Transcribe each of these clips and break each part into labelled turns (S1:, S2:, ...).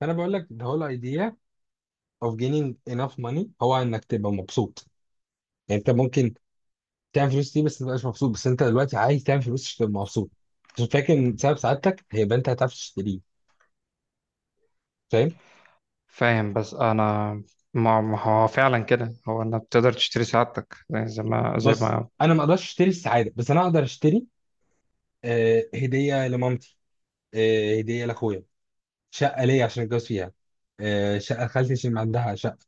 S1: فانا بقول لك the whole idea of gaining enough money هو انك تبقى مبسوط. يعني انت ممكن تعمل فلوس دي بس ما تبقاش مبسوط، بس انت دلوقتي عايز تعمل فلوس عشان تبقى مبسوط، عشان فاكر ان سبب سعادتك هيبقى انت هتعرف تشتريه. فاهم؟
S2: فاهم بس انا ما هو فعلا كده، هو انك بتقدر تشتري سعادتك. يعني زي ما زي
S1: بص،
S2: ما
S1: انا ما اقدرش اشتري السعاده، بس انا اقدر اشتري هديه لمامتي، هديه لاخويا، شقه ليا عشان اتجوز فيها، شقه لخالتي عشان عندها شقه،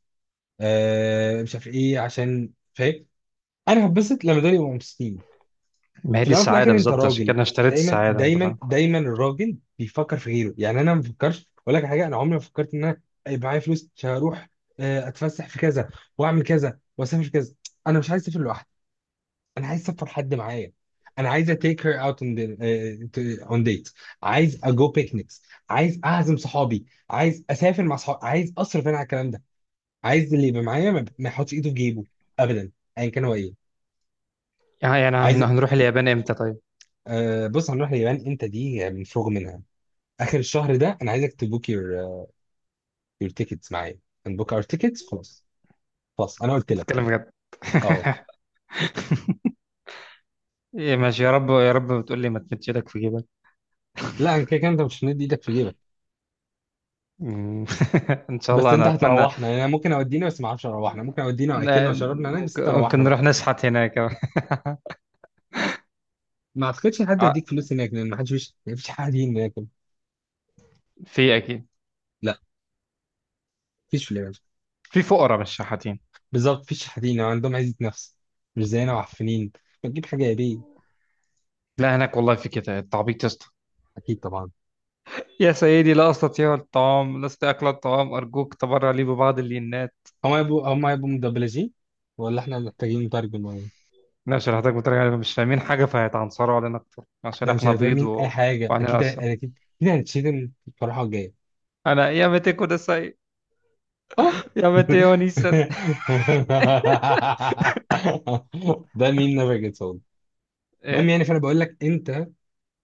S1: مش عارف ايه، عشان فاهم انا هتبسط لما دول يبقوا مبسوطين.
S2: ما هي
S1: في
S2: دي
S1: الاول وفي
S2: السعاده
S1: الاخر انت
S2: بالظبط، عشان كده
S1: راجل.
S2: انا اشتريت
S1: دايما
S2: السعاده. انت
S1: دايما
S2: فاهم؟
S1: دايما الراجل بيفكر في غيره، يعني انا ما بفكرش اقول لك على حاجه، انا عمري ما فكرت ان انا يبقى معايا فلوس عشان اروح، اتفسح في كذا واعمل كذا واسافر في كذا. انا مش عايز اسافر لوحدي، انا عايز اسافر حد معايا. انا عايز اتيك هير اوت اون ديت، عايز اجو بيكنيكس، عايز اعزم صحابي، عايز اسافر مع صحابي، عايز اصرف انا على الكلام ده. عايز اللي يبقى معايا ما يحطش ايده في جيبه ابدا، ايا كان هو ايه.
S2: يعني
S1: عايز
S2: هنروح اليابان امتى؟ طيب،
S1: بص، هنروح اليابان، انت دي يعني مفروغ منها. اخر الشهر ده انا عايزك تبوك يور يور تيكتس معايا، نبوك اور تيكتس، خلاص. خلاص انا قلت لك.
S2: نتكلم بجد.
S1: اه.
S2: إيه ماشي، يا رب يا رب. بتقول لي ما تمدش ايدك في جيبك.
S1: لا، انا كده كده انت مش هندي ايدك في جيبك.
S2: مم. ان شاء
S1: بس
S2: الله
S1: انت
S2: انا اتمنى.
S1: هتروحنا، يعني انا ممكن اودينا بس ما اعرفش اروحنا، ممكن اودينا واكلنا
S2: ن-
S1: وشربنا هناك، بس
S2: ممكن
S1: تروحنا
S2: ممكن
S1: بقى.
S2: نروح نشحت هناك.
S1: ما اعتقدش حد
S2: آه،
S1: هيديك فلوس هناك، لان ما فيش حد هناك.
S2: في اكيد.
S1: لا، فيش في اليابان.
S2: في فقراء مش شحاتين.
S1: بالظبط، فيش حد هنا، عندهم عزة نفس، مش زينا وعفنين. ما تجيب حاجه يا بيه.
S2: لا هناك والله في كده التعبيط يا اسطى.
S1: اكيد طبعا.
S2: يا سيدي لا أستطيع الطعام، لست أكل الطعام، أرجوك تبرع لي ببعض اللينات.
S1: هم هيبقوا مدبلجين، ولا احنا محتاجين مترجم ولا إيه؟
S2: لا شرحتك بطريقة علينا مش فاهمين حاجة، فهيتعنصروا علينا أكتر عشان
S1: احنا مش
S2: إحنا
S1: هنبقى
S2: بيض
S1: فاهمين اي حاجه
S2: وعنينا
S1: اكيد،
S2: أصلا.
S1: انا اكيد اكيد هنتشتم في الفرحه الجايه.
S2: أنا يا متى كده ساي،
S1: اه.
S2: يا متى ونيسا.
S1: ده مين نافع صوت؟ المهم،
S2: إيه؟
S1: يعني فانا بقول لك، انت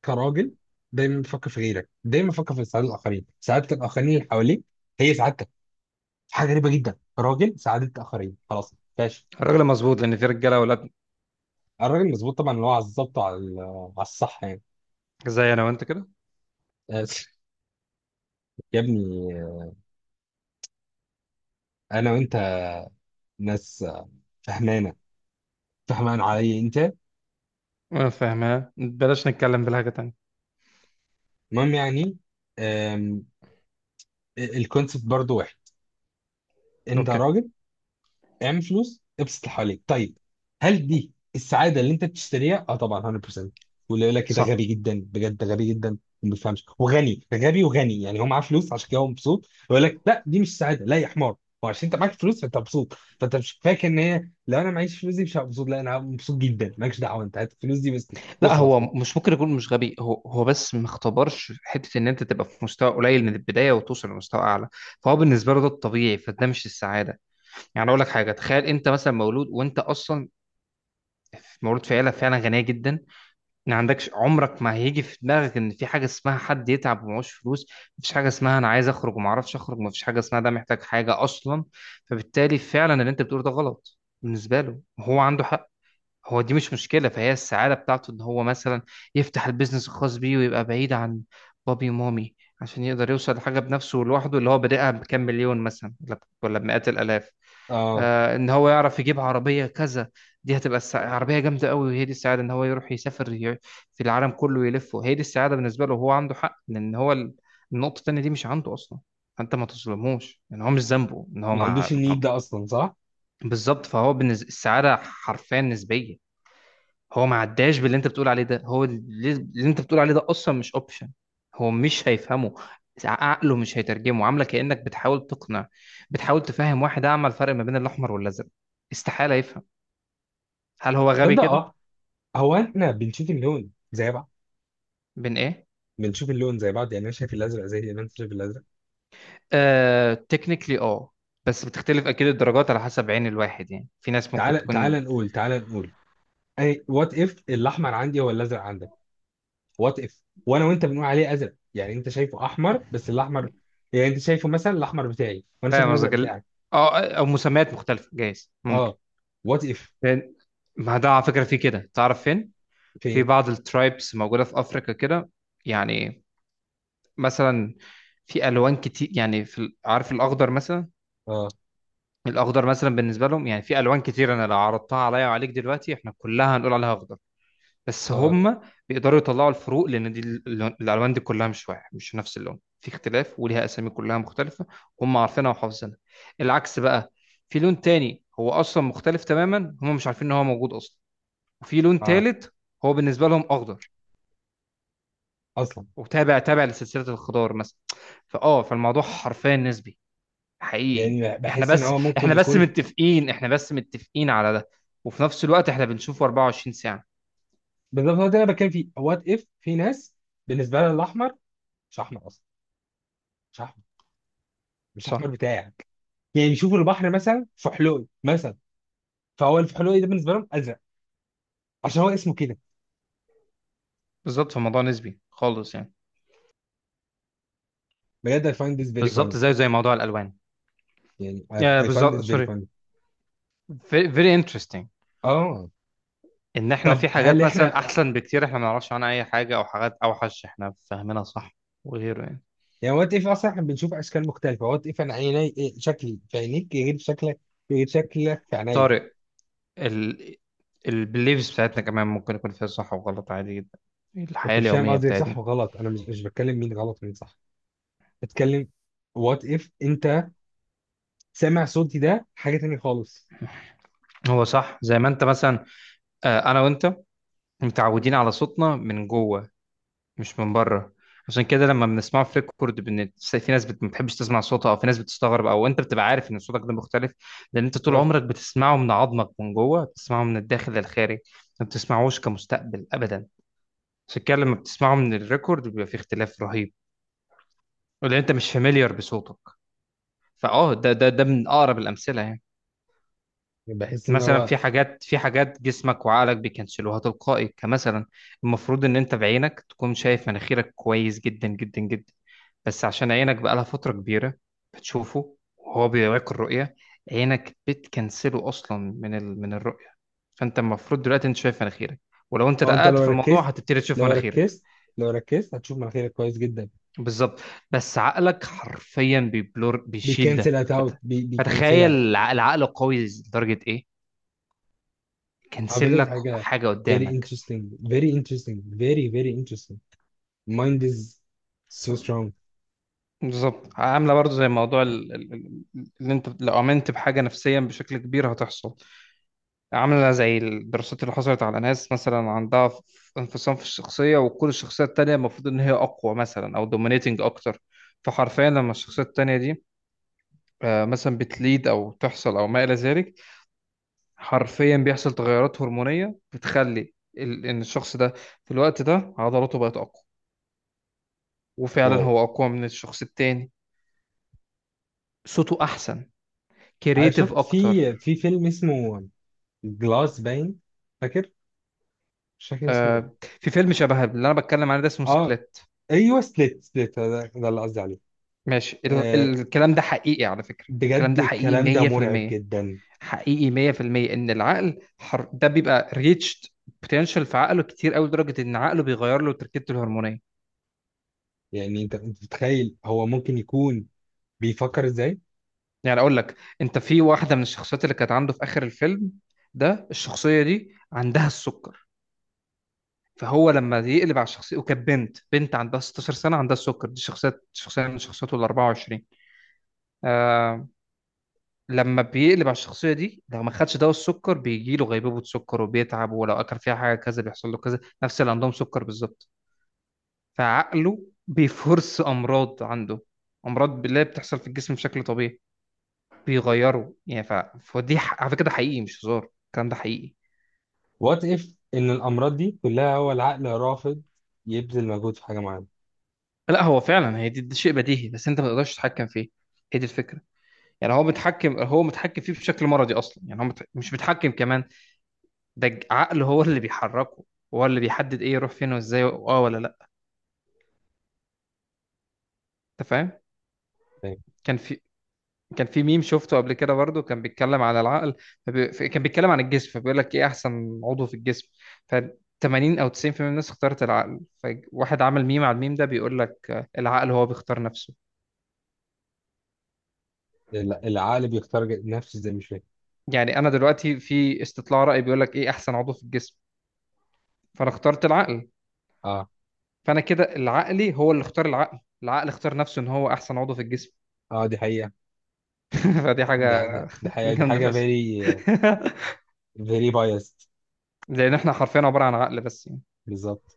S1: كراجل دايما بتفكر في غيرك، دايما بتفكر في سعاده الاخرين. سعاده الاخرين اللي حواليك هي سعادتك. حاجه غريبه جدا، راجل سعاده الاخرين، خلاص ماشي.
S2: الراجل مظبوط لأن في رجالة أولاد.
S1: الراجل مظبوط طبعا، اللي هو على الظبط وعلى على الصح يعني.
S2: زي أنا وأنت كده.
S1: بس يا ابني انا وانت ناس فهمانه، فهمان علي انت.
S2: أنا فاهمها، بلاش نتكلم بالحاجة تانية.
S1: المهم يعني، الكونسيبت برضو واحد. انت
S2: أوكي.
S1: راجل، اعمل فلوس، ابسط اللي حواليك. طيب، هل دي السعاده اللي انت بتشتريها؟ اه طبعا، 100%. واللي يقول لك "إيه ده غبي
S2: صح.
S1: جدا، بجد ده غبي جدا وما بيفهمش وغني، ده غبي وغني، يعني هو معاه فلوس عشان كده هو مبسوط"، يقول لك لا دي مش سعاده. لا يا حمار، هو عشان انت معاك فلوس فانت مبسوط، فانت مش فاكر ان هي لو انا معيش فلوس دي مش هبقى مبسوط. لا، انا هبقى مبسوط جدا. مالكش دعوه، انت هات الفلوس دي بس
S2: لا
S1: واخلص
S2: هو
S1: كده.
S2: مش ممكن يكون مش غبي، هو بس ما اختبرش حته ان انت تبقى في مستوى قليل من البدايه وتوصل لمستوى اعلى. فهو بالنسبه له ده الطبيعي، فده مش السعاده. يعني اقول لك حاجه، تخيل انت مثلا مولود وانت اصلا مولود في عيله فعلا غنيه جدا. ما عندكش، عمرك ما هيجي في دماغك ان في حاجه اسمها حد يتعب ومعهوش فلوس. مفيش حاجه اسمها انا عايز اخرج وما اعرفش اخرج. مفيش حاجه اسمها ده محتاج حاجه اصلا. فبالتالي فعلا اللي انت بتقوله ده غلط بالنسبه له، هو عنده حق. هو دي مش مشكلة، فهي السعادة بتاعته إن هو مثلا يفتح البيزنس الخاص بيه ويبقى بعيد عن بابي ومامي، عشان يقدر يوصل لحاجة بنفسه لوحده، اللي هو بادئها بكام مليون مثلا ولا بمئات الآلاف.
S1: اه،
S2: آه إن هو يعرف يجيب عربية كذا، دي هتبقى عربية جامدة قوي، وهي دي السعادة. إن هو يروح يسافر في العالم كله يلفه، هي دي السعادة بالنسبة له. وهو عنده حق لأن هو النقطة التانية دي مش عنده أصلا، فأنت ما تظلموش. إن هو مش ذنبه إن هو
S1: ما عندوش النيد ده اصلا صح؟
S2: بالظبط فهو بالنسبة السعادة حرفيا نسبية. هو ما عداش باللي انت بتقول عليه ده، هو اللي انت بتقول عليه ده اصلا مش اوبشن. هو مش هيفهمه، عقله مش هيترجمه، عامله كانك بتحاول تقنع، بتحاول تفهم واحد اعمى الفرق ما بين الاحمر والازرق. استحاله يفهم. هل هو غبي
S1: تصدق
S2: كده؟
S1: اه. هو احنا بنشوف اللون زي بعض؟
S2: بين ايه؟
S1: بنشوف اللون زي بعض، يعني انا شايف الازرق زي ما انت شايف الازرق.
S2: آه تكنيكلي بس بتختلف اكيد الدرجات على حسب عين الواحد، يعني في ناس ممكن
S1: تعال
S2: تكون.
S1: تعال نقول، اي وات اف الاحمر عندي هو الازرق عندك. وات اف وانا وانت بنقول عليه ازرق، يعني انت شايفه احمر، بس الاحمر، يعني انت شايفه مثلا الاحمر بتاعي وانا شايف
S2: فاهم
S1: الازرق
S2: قصدك
S1: بتاعك.
S2: او مسميات مختلفه، جايز ممكن.
S1: اه، وات اف.
S2: لأن- ما ده على فكره في كده، تعرف فين؟ في
S1: فين؟
S2: بعض الترايبس موجوده في افريقيا كده. يعني مثلا في الوان كتير، يعني في عارف الاخضر مثلا؟
S1: اه
S2: الاخضر مثلا بالنسبه لهم، يعني في الوان كتير انا لو عرضتها عليا وعليك دلوقتي احنا كلها هنقول عليها اخضر، بس
S1: اه
S2: هم بيقدروا يطلعوا الفروق، لان دي الالوان دي كلها مش واحد، مش نفس اللون، في اختلاف وليها اسامي كلها مختلفه، هم عارفينها وحافظينها. العكس بقى، في لون تاني هو اصلا مختلف تماما، هم مش عارفين ان هو موجود اصلا. وفي لون
S1: اه
S2: تالت هو بالنسبه لهم اخضر،
S1: اصلا،
S2: وتابع تابع لسلسله الخضار مثلا. فالموضوع حرفيا نسبي، حقيقي.
S1: يعني
S2: احنا
S1: بحس ان
S2: بس
S1: هو ممكن
S2: احنا بس
S1: يكون.
S2: متفقين احنا بس متفقين على ده. وفي نفس الوقت احنا بنشوفه 24 ساعة.
S1: بالظبط، هو ده اللي انا بتكلم فيه. وات اف في ناس بالنسبه لها الاحمر مش احمر اصلا، مش احمر، مش احمر
S2: صح.
S1: بتاعي. يعني يشوفوا البحر مثلا فحلوقي مثلا، فهو الفحلوقي ده بالنسبه لهم ازرق عشان هو اسمه كده.
S2: بالظبط، في موضوع نسبي خالص يعني.
S1: بجد I find this very funny.
S2: بالظبط زي موضوع الالوان.
S1: يعني I,
S2: آه
S1: I find
S2: بالظبط،
S1: this very
S2: سوري.
S1: funny.
S2: very very interesting
S1: اه.
S2: ان احنا
S1: طب
S2: في
S1: هل
S2: حاجات مثلا
S1: احنا
S2: احسن بكتير احنا ما نعرفش عنها اي حاجة، او حاجات اوحش احنا فاهمينها صح وغيره يعني.
S1: يعني وات اف اصلا احنا بنشوف اشكال مختلفه؟ وات اف انا عيني إيه، شكلي في عينيك غير شكلك، غير شكلك في عينيا.
S2: طارق، ال البليفز بتاعتنا كمان ممكن يكون فيها صح وغلط عادي جدا. الحياة
S1: انت مش فاهم
S2: اليومية
S1: قصدي، صح
S2: بتاعتنا،
S1: وغلط، انا مش بتكلم مين غلط ومين صح. بتكلم وات اف انت سامع صوتي ده حاجه تانية خالص.
S2: هو صح زي ما انت مثلا، انا وانت متعودين على صوتنا من جوه مش من بره. عشان كده لما بنسمعه في ريكورد، في ناس ما بتحبش تسمع صوتها، او في ناس بتستغرب، او انت بتبقى عارف ان صوتك ده مختلف، لان انت طول
S1: بالظبط.
S2: عمرك بتسمعه من عظمك من جوه، بتسمعه من الداخل للخارج، ما بتسمعوش كمستقبل ابدا. عشان كده لما بتسمعه من الريكورد بيبقى في اختلاف رهيب، ولان انت مش فاميليار بصوتك. فاه ده ده ده من اقرب الامثله يعني.
S1: بحس ان
S2: مثلا
S1: هو،
S2: في حاجات جسمك وعقلك بيكنسلوها تلقائي. كمثلا المفروض ان انت بعينك تكون شايف مناخيرك كويس جدا جدا جدا، بس عشان عينك بقالها فترة كبيرة بتشوفه وهو بيوريك الرؤية، عينك بتكنسله اصلا من الرؤية فانت المفروض دلوقتي انت شايف مناخيرك، ولو انت
S1: او انت
S2: دققت
S1: لو
S2: في الموضوع
S1: ركزت،
S2: هتبتدي تشوف
S1: لو
S2: مناخيرك.
S1: ركزت لو ركزت هتشوف مناخيرك كويس جدا.
S2: بالظبط، بس عقلك حرفيا بيبلور، بيشيل ده
S1: بيكنسل اوت،
S2: فتخيل
S1: بيكنسلها.
S2: العقل قوي لدرجة ايه؟
S1: على
S2: كنسل
S1: فكره، دي
S2: لك
S1: حاجه
S2: حاجة
S1: very
S2: قدامك.
S1: interesting, very interesting, very very interesting. Mind is so strong.
S2: بالظبط، عامله برضو زي موضوع اللي انت لو امنت بحاجه نفسيا بشكل كبير هتحصل. عامله زي الدراسات اللي حصلت على ناس مثلا عندها انفصام في الشخصيه، وكل الشخصيه التانيه المفروض ان هي اقوى مثلا او دومينيتنج اكتر. فحرفيا لما الشخصيه التانيه دي مثلا بتليد او تحصل او ما الى ذلك، حرفيا بيحصل تغيرات هرمونيه بتخلي ان الشخص ده في الوقت ده عضلاته بقت اقوى، وفعلا
S1: واو.
S2: هو اقوى من الشخص التاني. صوته احسن،
S1: انا
S2: كرييتيف
S1: شفت
S2: اكتر.
S1: في فيلم اسمه جلاس باين، فاكر، مش فاكر اسمه إيه.
S2: آه، في فيلم شبه اللي انا بتكلم عنه ده اسمه
S1: اه،
S2: سبليت.
S1: ايوه سبليت. ده اللي قصدي عليه.
S2: ماشي،
S1: آه،
S2: الكلام ده حقيقي على فكرة، الكلام
S1: بجد
S2: ده حقيقي
S1: الكلام ده مرعب
S2: 100%.
S1: جدا.
S2: حقيقي 100% ان العقل ده بيبقى ريتشد بوتنشال في عقله كتير، قوي لدرجة ان عقله بيغير له تركيبته الهرمونية.
S1: يعني انت متخيل هو ممكن يكون بيفكر ازاي؟
S2: يعني اقول لك، انت في واحدة من الشخصيات اللي كانت عنده في اخر الفيلم ده، الشخصية دي عندها السكر. فهو لما يقلب على الشخصية، وكانت بنت عندها 16 سنة عندها السكر، دي شخصية من شخصياته ال 24. لما بيقلب على الشخصية دي لو ما خدش دواء السكر بيجي له غيبوبة سكر وبيتعب، ولو أكل فيها حاجة كذا بيحصل له كذا، نفس اللي عندهم سكر بالظبط. فعقله بيفرس أمراض عنده، أمراض بالله بتحصل في الجسم بشكل طبيعي. بيغيره يعني فدي على فكرة ده حقيقي مش هزار، الكلام ده حقيقي.
S1: وات اف ان الامراض دي كلها هو العقل رافض يبذل مجهود في حاجه معينه.
S2: لا هو فعلا، هي دي شيء بديهي بس أنت ما تقدرش تتحكم فيه، هي دي الفكرة. يعني هو متحكم فيه بشكل مرضي أصلا، يعني هو مش متحكم كمان. ده العقل هو اللي بيحركه، هو اللي بيحدد إيه يروح فين وإزاي. اه ولا انت فاهم؟
S1: فاهم.
S2: كان في كان في ميم شفته قبل كده برضه كان بيتكلم على العقل. كان بيتكلم عن الجسم، فبيقول لك ايه احسن عضو في الجسم. ف 80 او 90% من الناس اختارت العقل، فواحد عمل ميم على الميم ده بيقول لك، آه، العقل هو بيختار نفسه.
S1: العقل بيختار نفسه، زي مش فاهم.
S2: يعني انا دلوقتي في استطلاع رأي بيقول لك ايه احسن عضو في الجسم، فانا اخترت العقل.
S1: اه.
S2: فانا كده العقلي هو اللي اختار العقل، العقل اختار نفسه ان هو احسن عضو في الجسم.
S1: اه، دي حقيقه.
S2: فدي حاجة
S1: دي حقيقه، دي
S2: جامدة
S1: حاجه
S2: بس.
S1: فيري فيري بايست.
S2: لان احنا حرفيا عبارة عن عقل بس.
S1: بالظبط.